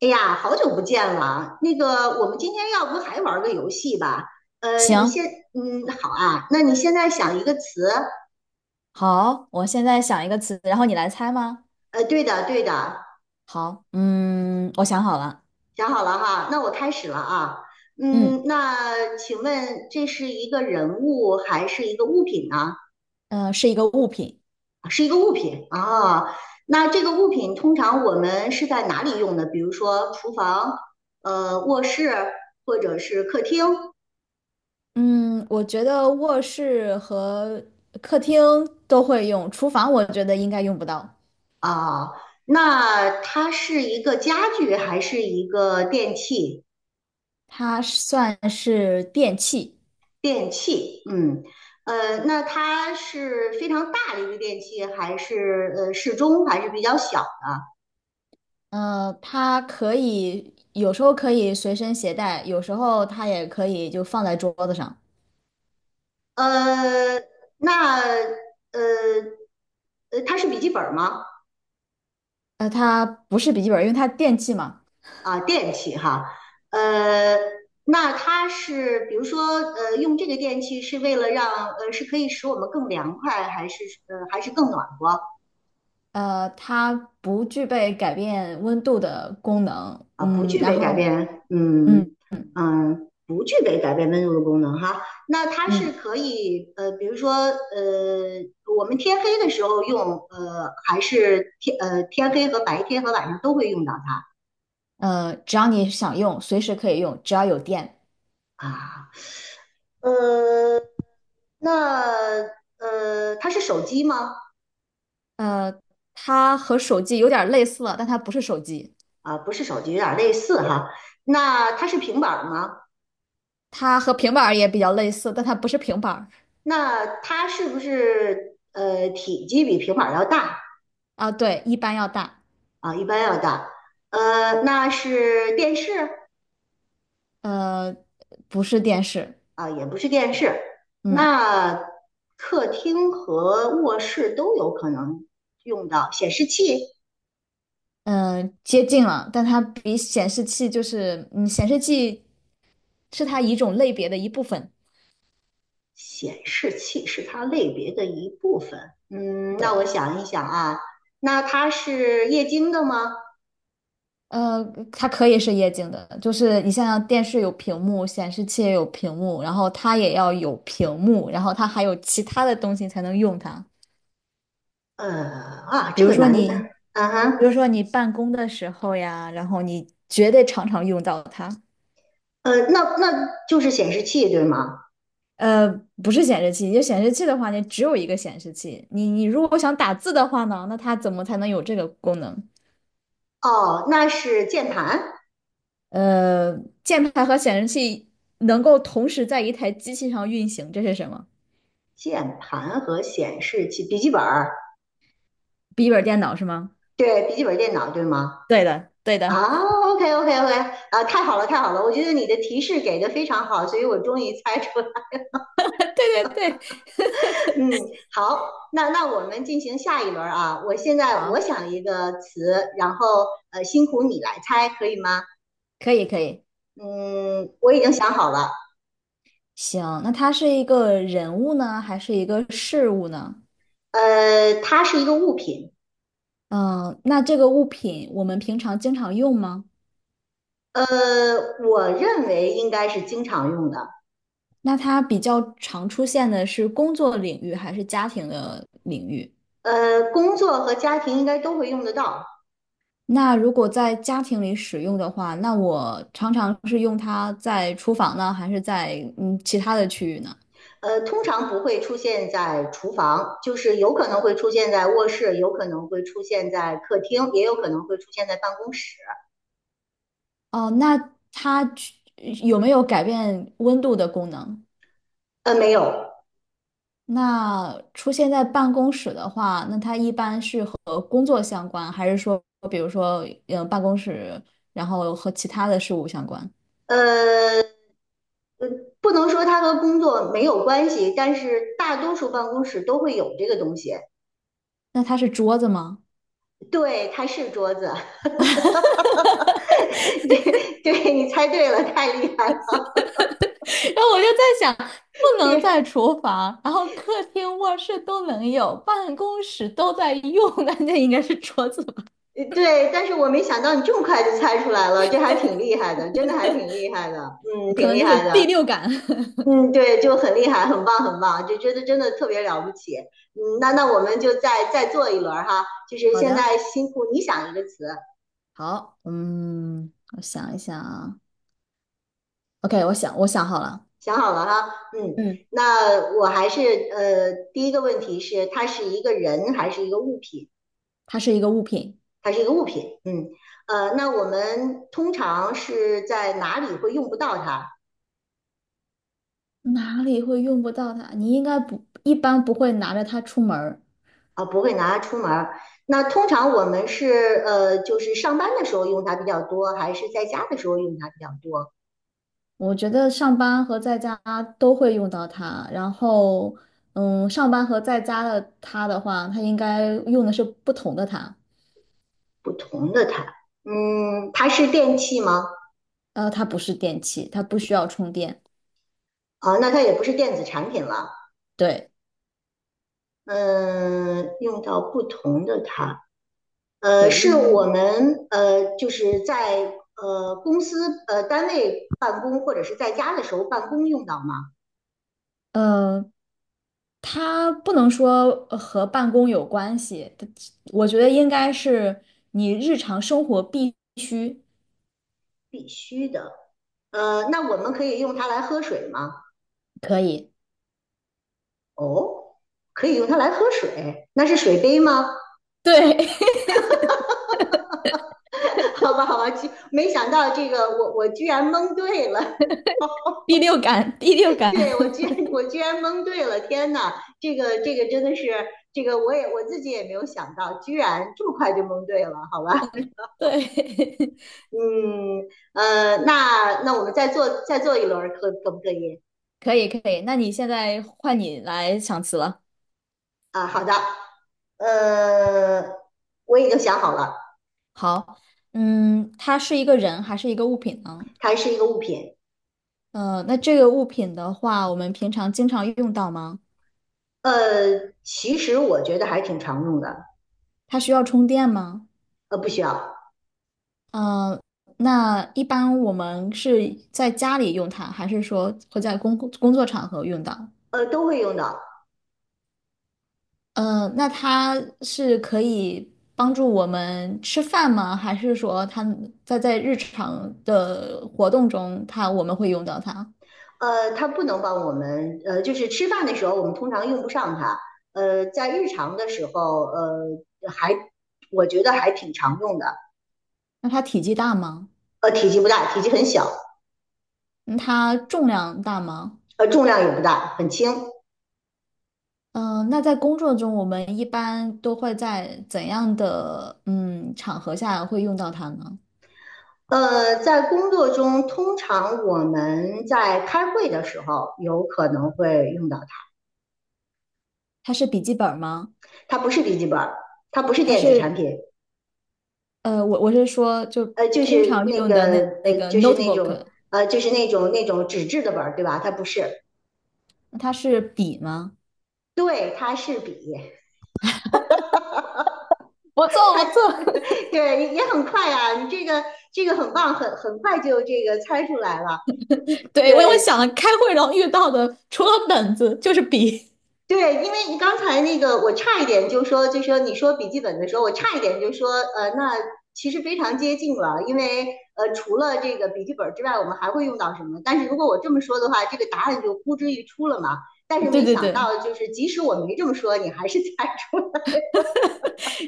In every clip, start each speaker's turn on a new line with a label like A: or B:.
A: 哎呀，好久不见了。那个，我们今天要不还玩个游戏吧？你
B: 行，
A: 先，嗯，好啊。那你现在想一个词，
B: 好，我现在想一个词，然后你来猜吗？
A: 对的。
B: 好，我想好了。
A: 想好了哈。那我开始了啊。嗯，
B: 嗯，
A: 那请问这是一个人物还是一个物品呢？啊
B: 是一个物品。
A: 是一个物品啊。那这个物品通常我们是在哪里用的？比如说厨房、卧室或者是客厅。
B: 嗯，我觉得卧室和客厅都会用，厨房我觉得应该用不到。
A: 啊，那它是一个家具还是一个电器？
B: 它算是电器。
A: 电器，嗯，那它是非常大的一个电器，还是适中，还是比较小？
B: 它可以有时候可以随身携带，有时候它也可以就放在桌子上。
A: 呃，那呃它是笔记本吗？
B: 它不是笔记本，因为它电器嘛。
A: 啊，电器哈，呃，那它是比如说用这个电器是为了让是可以使我们更凉快，还是更暖和？
B: 它不具备改变温度的功能。
A: 啊，不
B: 嗯，
A: 具
B: 然
A: 备改
B: 后
A: 变，
B: 嗯
A: 嗯嗯，不具备改变温度的功能哈。那它是
B: 嗯
A: 可以，比如说，我们天黑的时候用，还是天黑和白天和晚上都会用到
B: 只要你想用，随时可以用，只要有电。
A: 它啊。呃，那它是手机吗？
B: 呃，它和手机有点类似了，但它不是手机。
A: 啊，不是手机，有点类似哈。那它是平板儿吗？
B: 它和平板儿也比较类似，但它不是平板儿。
A: 那它是不是体积比平板儿要大？
B: 啊，对，一般要大。
A: 啊，一般要大。那是电视
B: 呃，不是电视。
A: 啊，也不是电视，
B: 嗯
A: 那客厅和卧室都有可能用到显示器。
B: 接近了，但它比显示器就是，嗯，显示器是它一种类别的一部分。
A: 显示器是它类别的一部分。嗯，那我
B: 对。
A: 想一想啊，那它是液晶的吗？
B: 呃，它可以是液晶的，就是你像电视有屏幕，显示器也有屏幕，然后它也要有屏幕，然后它还有其他的东西才能用它。
A: 呃啊，
B: 比
A: 这
B: 如
A: 个
B: 说
A: 难的，
B: 你，
A: 啊哈，
B: 比如说你办公的时候呀，然后你绝对常常用到它。
A: 那就是显示器对吗？
B: 呃，不是显示器，就显示器的话，你只有一个显示器。你如果想打字的话呢，那它怎么才能有这个功能？
A: 哦，那是键盘，
B: 呃，键盘和显示器能够同时在一台机器上运行，这是什么？
A: 键盘和显示器，笔记本儿
B: 笔记本电脑是吗？
A: 对，笔记本电脑，对吗？
B: 对的，对
A: 啊
B: 的，
A: ，OK OK OK，啊，太好了太好了，我觉得你的提示给的非常好，所以我终于猜出了。
B: 对对对。
A: 嗯，好，那我们进行下一轮啊，我现在
B: 好，
A: 我想一个词，然后辛苦你来猜，可以吗？
B: 可以可以。
A: 嗯，我已经想好了，
B: 行，那它是一个人物呢，还是一个事物呢？
A: 它是一个物品，
B: 嗯，那这个物品我们平常经常用吗？
A: 呃，我认为应该是经常用的，
B: 那它比较常出现的是工作领域还是家庭的领域？
A: 工作和家庭应该都会用得到，
B: 那如果在家庭里使用的话，那我常常是用它在厨房呢，还是在其他的区域呢？
A: 通常不会出现在厨房，就是有可能会出现在卧室，有可能会出现在客厅，也有可能会出现在办公室。
B: 哦，那它有没有改变温度的功能？
A: 没有，
B: 那出现在办公室的话，那它一般是和工作相关，还是说，比如说，呃，办公室，然后和其他的事物相关？
A: 呃，呃不能说它和工作没有关系，但是大多数办公室都会有这个东西。
B: 那它是桌子吗？
A: 对，它是桌子，
B: 然
A: 对，你猜对了，太厉害
B: 后我就在想，不能在
A: 对。
B: 厨房，然后客厅、卧室都能有，办公室都在用，那那应该是桌子吧？
A: 呃对，但是我没想到你这么快就猜出来了，这还挺厉害的，真的还挺厉害的，嗯，
B: 可
A: 挺
B: 能
A: 厉
B: 就是
A: 害的。
B: 第六感。
A: 嗯，对，就很厉害，很棒，很棒，就觉得真的特别了不起。嗯，那我们就再做一轮儿哈，就是
B: 好
A: 现
B: 的，
A: 在辛苦你想一个词，
B: 好，嗯，我想一想啊，OK，我想好了。
A: 想好了哈。嗯，
B: 嗯，
A: 那我还是第一个问题是它是一个人还是一个物品？
B: 它是一个物品。
A: 它是一个物品。嗯，那我们通常是在哪里会用不到它
B: 哪里会用不到它？你应该不，一般不会拿着它出门儿。
A: 啊？不会拿它出门儿。那通常我们是就是上班的时候用它比较多，还是在家的时候用它比较多？
B: 我觉得上班和在家都会用到它。然后，嗯，上班和在家的它的话，它应该用的是不同的它。
A: 不同的它，嗯，它是电器吗？
B: 它不是电器，它不需要充电。
A: 啊，那它也不是电子产品了。
B: 对
A: 嗯、用到不同的它，
B: 对，因
A: 是我
B: 为
A: 们就是在公司单位办公或者是在家的时候办公用到吗？
B: 嗯，它不能说和办公有关系，我觉得应该是你日常生活必须
A: 必须的。那我们可以用它来喝水吗？
B: 可以。
A: 哦。可以用它来喝水，那是水杯吗？
B: 对，
A: 好吧，好吧，居没想到这个我居然蒙对了。
B: 第六感，第六 感。
A: 对我居然蒙对了，天呐，这个真的是这个我自己也没有想到，居然这么快就蒙对了，好吧？
B: 对，
A: 嗯那我们再做一轮，可不可以？
B: 可以可以。那你现在换你来想词了。
A: 啊，好的，呃，我已经想好了，
B: 好，嗯，它是一个人还是一个物品呢？
A: 它是一个物品，
B: 那这个物品的话，我们平常经常用到吗？
A: 其实我觉得还挺常用的，
B: 它需要充电吗？
A: 不需要，
B: 嗯，那一般我们是在家里用它，还是说会在工作场合用到？
A: 都会用到，
B: 嗯，那它是可以帮助我们吃饭吗？还是说它在在日常的活动中它，我们会用到它？
A: 它不能帮我们，就是吃饭的时候我们通常用不上它，在日常的时候，还我觉得还挺常用的，
B: 那它体积大吗？
A: 体积不大，体积很小，
B: 嗯它重量大吗？
A: 重量也不大，很轻。
B: 那在工作中，我们一般都会在怎样的场合下会用到它呢？
A: 在工作中，通常我们在开会的时候有可能会用到它，
B: 它是笔记本儿吗？
A: 它不是笔记本它不是
B: 它
A: 电子产
B: 是
A: 品，
B: 我我是说，就
A: 呃，就
B: 通
A: 是
B: 常
A: 那
B: 用
A: 个
B: 的那那
A: 呃，
B: 个
A: 就是那
B: notebook。
A: 种呃，就是那种纸质的本对吧？它不是，
B: 它是笔吗？
A: 对，它是笔。
B: 不错不错。
A: 对，也很快啊，你这个很棒，很快就这个猜出来了。嗯，
B: 对，我
A: 对
B: 想了开会然后遇到的，除了本子就是笔。
A: 对，因为你刚才那个我差一点就说，你说笔记本的时候，我差一点就说，那其实非常接近了，因为除了这个笔记本之外，我们还会用到什么？但是如果我这么说的话，这个答案就呼之欲出了嘛。但是
B: 对
A: 没
B: 对
A: 想
B: 对，
A: 到，就是即使我没这么说，你还是 猜出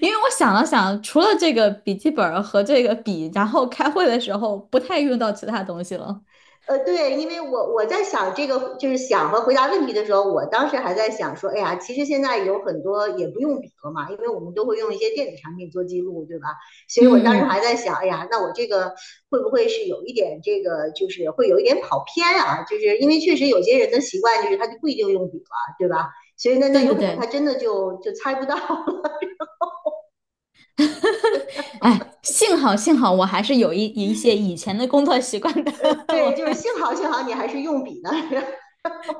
B: 因为我想了想，除了这个笔记本儿和这个笔，然后开会的时候不太用到其他东西了。
A: 对，因为我在想这个，就是想和回答问题的时候，我当时还在想说，哎呀，其实现在有很多也不用笔了嘛，因为我们都会用一些电子产品做记录，对吧？所以我当
B: 嗯
A: 时
B: 嗯
A: 还
B: 嗯，
A: 在想，哎呀，那我这个会不会是有一点这个，就是会有一点跑偏啊？就是因为确实有些人的习惯就是他就不一定用笔了，对吧？所以那
B: 对
A: 有
B: 对
A: 可能他
B: 对，
A: 真的就猜不到。
B: 哎，幸好幸好我还是有一些以前的工作习惯的，我
A: 对，就是幸好你还是用笔呢，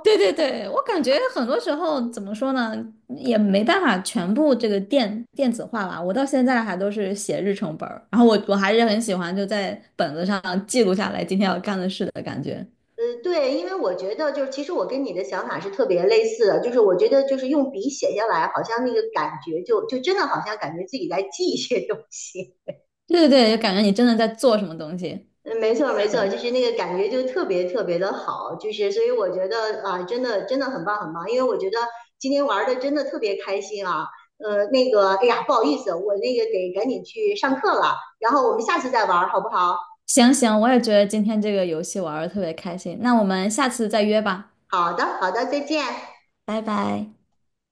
B: 对对对，我感觉很多时候怎么说呢，也没办法全部这个电子化吧。我到现在还都是写日程本儿，然后我还是很喜欢就在本子上记录下来今天要干的事的感觉。
A: 对，因为我觉得就是，其实我跟你的想法是特别类似的，就是我觉得就是用笔写下来，好像那个感觉就真的好像感觉自己在记一些东西。
B: 对对对，就感觉你真的在做什么东西。
A: 嗯，没错没
B: 是
A: 错，
B: 的。
A: 就是那个感觉就特别特别的好，就是所以我觉得啊，真的真的很棒很棒，因为我觉得今天玩的真的特别开心啊。那个，哎呀，不好意思，我那个得赶紧去上课了，然后我们下次再玩好不好？
B: 行行，我也觉得今天这个游戏玩的特别开心，那我们下次再约吧，
A: 好的好的，再见。
B: 拜拜。